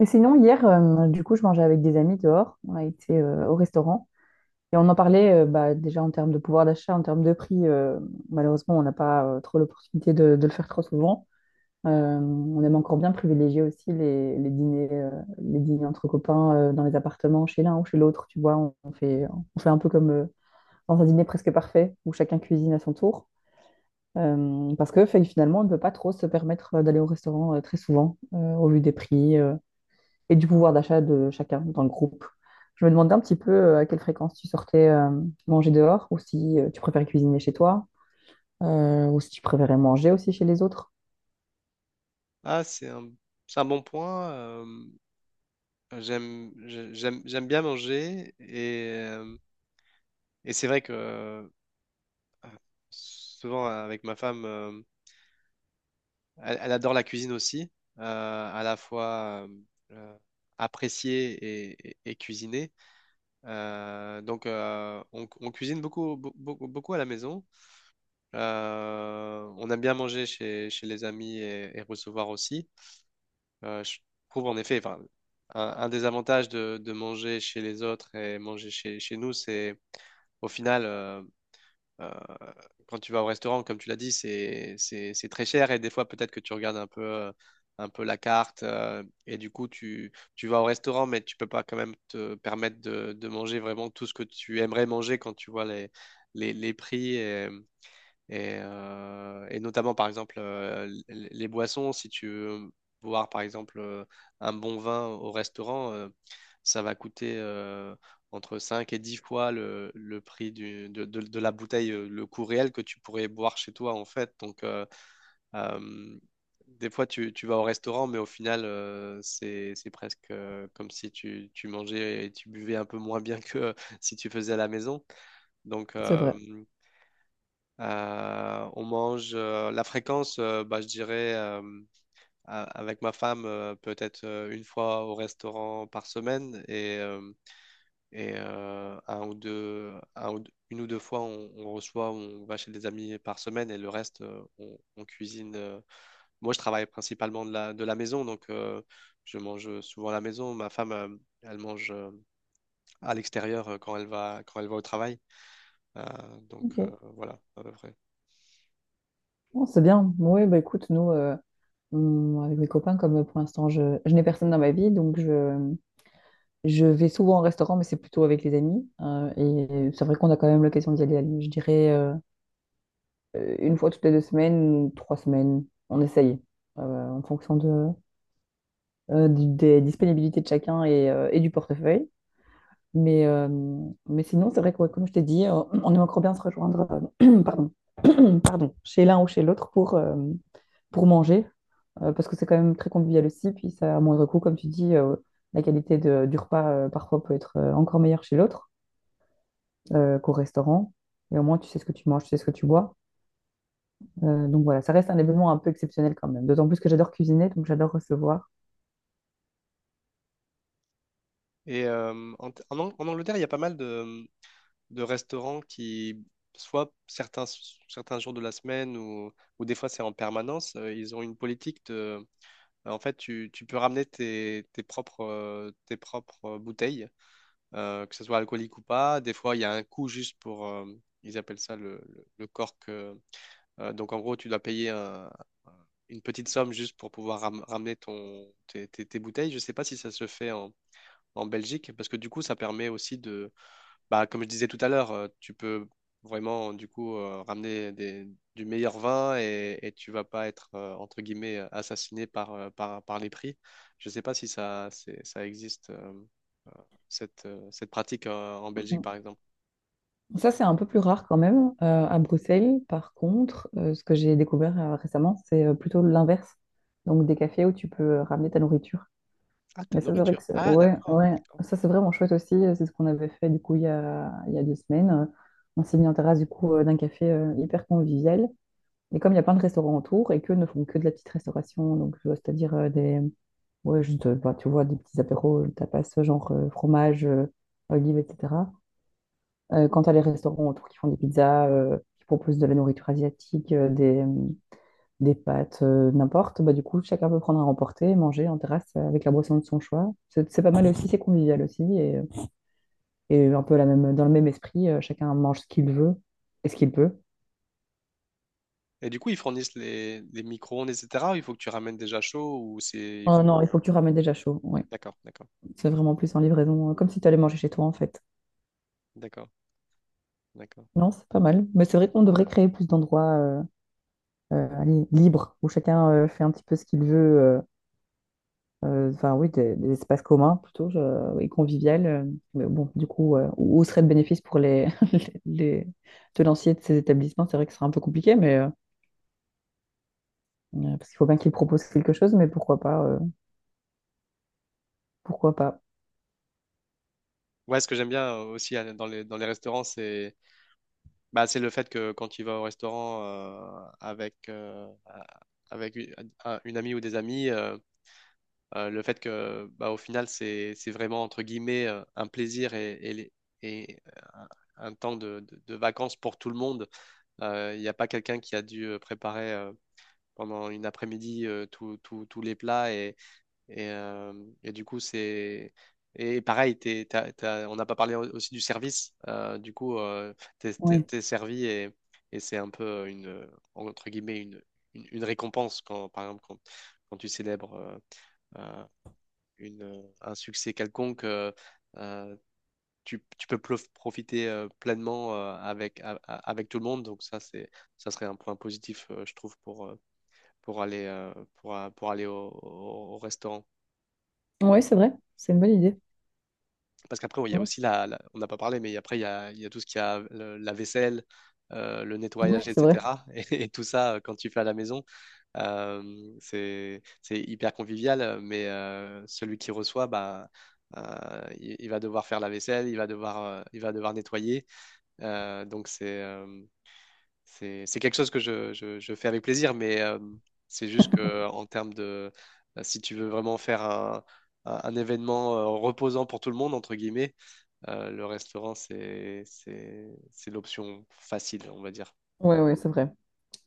Et sinon, hier, du coup, je mangeais avec des amis dehors. On a été au restaurant et on en parlait bah, déjà en termes de pouvoir d'achat, en termes de prix. Malheureusement, on n'a pas trop l'opportunité de le faire trop souvent. On aime encore bien privilégier aussi les dîners, les dîners entre copains dans les appartements, chez l'un ou chez l'autre. Tu vois, on fait un peu comme dans un dîner presque parfait où chacun cuisine à son tour. Parce que fait, finalement, on ne peut pas trop se permettre d'aller au restaurant très souvent au vu des prix. Et du pouvoir d'achat de chacun dans le groupe. Je me demandais un petit peu à quelle fréquence tu sortais manger dehors ou si tu préférais cuisiner chez toi ou si tu préférais manger aussi chez les autres. Ah, c'est un bon point. J'aime bien manger et et c'est vrai que souvent avec ma femme, elle, elle adore la cuisine aussi, euh, à la fois euh, apprécier et cuisiner. Donc on cuisine beaucoup, beaucoup, beaucoup à la maison. On aime bien manger chez, chez les amis et recevoir aussi. Je trouve en effet, enfin, un des avantages de manger chez les autres et manger chez, chez nous, c'est au final, euh, quand tu vas au restaurant, comme tu l'as dit, c'est très cher et des fois peut-être que tu regardes un peu la carte et du coup tu, tu vas au restaurant, mais tu peux pas quand même te permettre de manger vraiment tout ce que tu aimerais manger quand tu vois les prix. Et notamment, par exemple, les boissons, si tu veux boire, par exemple, un bon vin au restaurant, ça va coûter entre 5 et 10 fois le prix de la bouteille, le coût réel que tu pourrais boire chez toi, en fait. Donc, euh, des fois, tu vas au restaurant, mais au final, c'est presque comme si tu, tu mangeais et tu buvais un peu moins bien que si tu faisais à la maison. Donc, C'est euh, vrai. euh, on mange la fréquence, bah, je dirais avec ma femme peut-être une fois au restaurant par semaine et une ou deux fois on reçoit, on va chez des amis par semaine et le reste on cuisine. Moi je travaille principalement de la maison donc je mange souvent à la maison. Ma femme elle mange à l'extérieur quand elle va au travail. Euh, donc Ok. euh, voilà à peu près. Bon, c'est bien. Oui, bah écoute, nous, avec mes copains, comme pour l'instant, je n'ai personne dans ma vie, donc je vais souvent au restaurant, mais c'est plutôt avec les amis. Et c'est vrai qu'on a quand même l'occasion d'y aller, je dirais, une fois toutes les deux semaines, trois semaines, on essaye, en fonction des disponibilités de chacun et du portefeuille. Mais, euh, mais sinon, c'est vrai que, ouais, comme je t'ai dit, on aimerait encore bien se rejoindre pardon, pardon, chez l'un ou chez l'autre pour manger, parce que c'est quand même très convivial aussi. Puis ça, à moindre coût, comme tu dis, la qualité du repas parfois peut être encore meilleure chez l'autre qu'au restaurant. Et au moins, tu sais ce que tu manges, tu sais ce que tu bois. Donc voilà, ça reste un événement un peu exceptionnel quand même. D'autant plus que j'adore cuisiner, donc j'adore recevoir. Et euh, En en Angleterre, il y a pas mal de restaurants qui, soit certains, certains jours de la semaine ou des fois c'est en permanence, ils ont une politique de... bah, en fait, tu peux ramener tes propres bouteilles, que ce soit alcoolique ou pas. Des fois, il y a un coût juste pour... ils appellent ça le cork. Donc, en gros, tu dois une petite somme juste pour pouvoir ramener tes bouteilles. Je ne sais pas si ça se fait en Belgique, parce que du coup, ça permet aussi de bah, comme je disais tout à l'heure, tu peux vraiment du coup du meilleur vin et tu vas pas être entre guillemets assassiné par, par les prix. Je sais pas si ça, ça existe cette, cette pratique en Belgique par exemple. Ça, c'est un peu plus rare quand même. À Bruxelles, par contre, ce que j'ai découvert récemment, c'est plutôt l'inverse. Donc, des cafés où tu peux ramener ta nourriture. Ah, ta Et ça, c'est vrai nourriture. que Ah, ouais, d'accord. ouais. D'accord. Ça, c'est vraiment chouette aussi. C'est ce qu'on avait fait du coup il y a deux semaines. On s'est mis en terrasse du coup d'un café hyper convivial. Et comme il y a plein de restaurants autour et qu'eux ne font que de la petite restauration, donc c'est-à-dire ouais, juste, bah, tu vois, des petits apéros, tapas, genre fromage, olives, etc. Quand tu as les restaurants autour qui font des pizzas, qui proposent de la nourriture asiatique, des pâtes, n'importe, bah, du coup, chacun peut prendre à emporter, manger en terrasse avec la boisson de son choix. C'est pas mal aussi, c'est convivial aussi. Et un peu la même, dans le même esprit, chacun mange ce qu'il veut et ce qu'il peut. Et du coup, ils fournissent les micro-ondes, etc. ou il faut que tu ramènes déjà chaud ou c'est il Oh faut. non, il faut que tu ramènes déjà chaud. Ouais. D'accord, d'accord, C'est vraiment plus en livraison, comme si tu allais manger chez toi en fait. d'accord, d'accord. Non, c'est pas mal. Mais c'est vrai qu'on devrait créer plus d'endroits allez, libres où chacun fait un petit peu ce qu'il veut. Enfin oui, des espaces communs plutôt et convivial. Mais bon, du coup, où serait le bénéfice pour les, les, les tenanciers de ces établissements? C'est vrai que ce serait un peu compliqué, mais parce qu'il faut bien qu'ils proposent quelque chose, mais pourquoi pas, pourquoi pas. Ouais, ce que j'aime bien aussi dans les restaurants, c'est bah, c'est le fait que quand tu vas au restaurant avec une amie ou des amis, le fait que bah, au final, c'est vraiment entre guillemets un plaisir et un temps de vacances pour tout le monde. Il n'y a pas quelqu'un qui a dû préparer pendant une après-midi tous les plats et, euh, et du coup, c'est. Et pareil, on n'a pas parlé aussi du service. Du coup, Oui, t'es servi et c'est un peu une, entre guillemets, une récompense quand, par exemple, quand, quand tu célèbres euh, un succès quelconque, euh, tu, profiter pleinement avec tout le monde. Donc ça, c'est, ça serait un point positif, je trouve, pour aller, pour aller au restaurant. oui, c'est vrai, c'est une bonne idée. Parce qu'après, oui, il y a Oui. aussi on n'a pas parlé, mais après, il y a tout ce qu'il y a, la vaisselle, le Oui, nettoyage, c'est vrai. etc. Et tout ça, quand tu fais à la maison, euh, c'est hyper convivial, mais celui qui reçoit, bah, il va devoir faire la vaisselle, il va devoir nettoyer. Donc, c'est, c'est quelque chose que je fais avec plaisir, mais c'est juste que en termes de, si tu veux vraiment faire un événement reposant pour tout le monde, entre guillemets, le restaurant, c'est l'option facile, on va dire. Oui, oui, c'est vrai.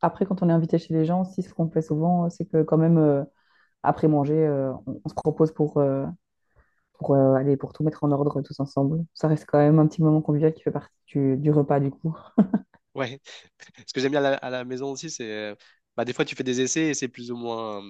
Après, quand on est invité chez les gens, aussi, ce qu'on fait souvent, c'est que quand même, après manger, on se propose pour aller pour tout mettre en ordre tous ensemble. Ça reste quand même un petit moment convivial qui fait partie du repas, du coup. Ouais. Ce que j'aime bien à la maison aussi, c'est, bah, des fois, tu fais des essais et c'est plus ou moins,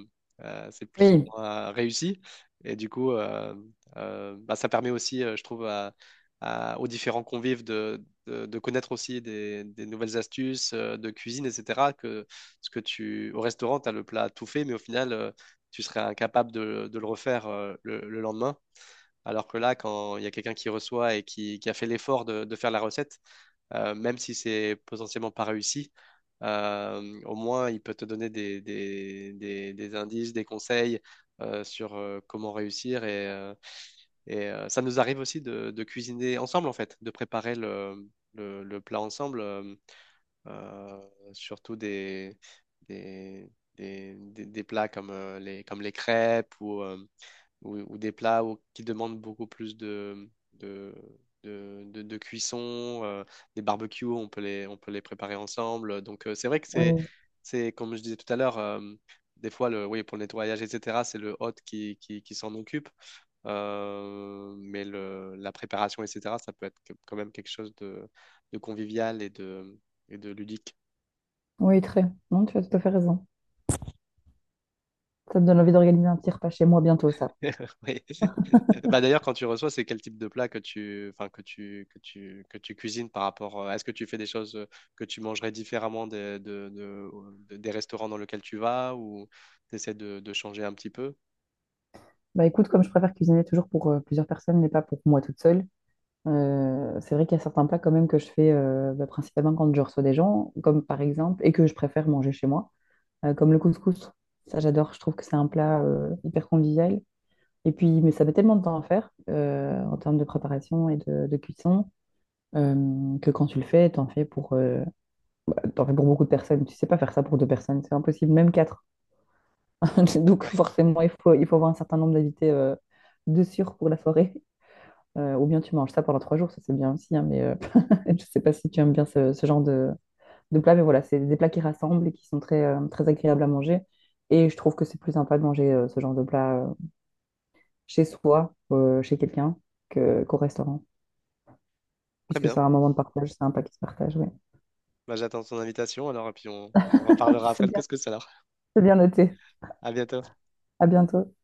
c'est plus ou Oui, moins réussi. Et du coup, bah, ça permet aussi, je trouve, aux différents convives de connaître aussi des nouvelles astuces de cuisine, etc. Que ce que tu, au restaurant, tu as le plat tout fait, mais au final, tu serais incapable de le refaire le lendemain. Alors que là, quand il y a quelqu'un qui reçoit et qui a fait l'effort de faire la recette, même si c'est potentiellement pas réussi, au moins il peut te donner des indices, des conseils sur comment réussir. Et ça nous arrive aussi de cuisiner ensemble, en fait, de préparer le plat ensemble, euh, surtout des, des plats comme, les, comme les crêpes ou des plats qui demandent beaucoup plus de, de cuisson, des barbecues, on peut les préparer ensemble. Donc c'est vrai que oui, c'est, comme je disais tout à l'heure, des fois, le, oui, pour le nettoyage, etc., c'est le hôte qui s'en occupe. Mais le, la préparation, etc., ça peut être quand même quelque chose de convivial et de ludique. oui, très. Non, tu as tout à fait raison. Ça me donne envie d'organiser un petit repas chez moi bientôt, ça. Oui. Bah d'ailleurs, quand tu reçois, c'est quel type de plat que tu, enfin, que tu cuisines par rapport. Est-ce que tu fais des choses que tu mangerais différemment des, de- des restaurants dans lesquels tu vas ou tu essaies de changer un petit peu? Bah écoute, comme je préfère cuisiner toujours pour plusieurs personnes, mais pas pour moi toute seule, c'est vrai qu'il y a certains plats quand même que je fais bah, principalement quand je reçois des gens, comme par exemple, et que je préfère manger chez moi, comme le couscous. Ça, j'adore. Je trouve que c'est un plat hyper convivial. Et puis, mais ça met tellement de temps à faire en termes de préparation et de cuisson que quand tu le fais, t'en fais pour bah, t'en fais pour beaucoup de personnes. Tu sais pas faire ça pour deux personnes, c'est impossible, même quatre. Donc Ouais, forcément, il faut avoir un certain nombre d'invités de sûr pour la soirée. Ou bien tu manges ça pendant trois jours, ça c'est bien aussi, hein, mais je sais pas si tu aimes bien ce, ce genre de plat. Mais voilà, c'est des plats qui rassemblent et qui sont très, très agréables à manger. Et je trouve que c'est plus sympa de manger ce genre de plat chez soi, chez quelqu'un, que, qu'au restaurant, très puisque bien. c'est un moment de partage, c'est un plat qui se partage, ouais. Bah, j'attends ton invitation alors et puis on en reparlera après C'est le bien, couscous alors. c'est bien noté. À bientôt. À bientôt.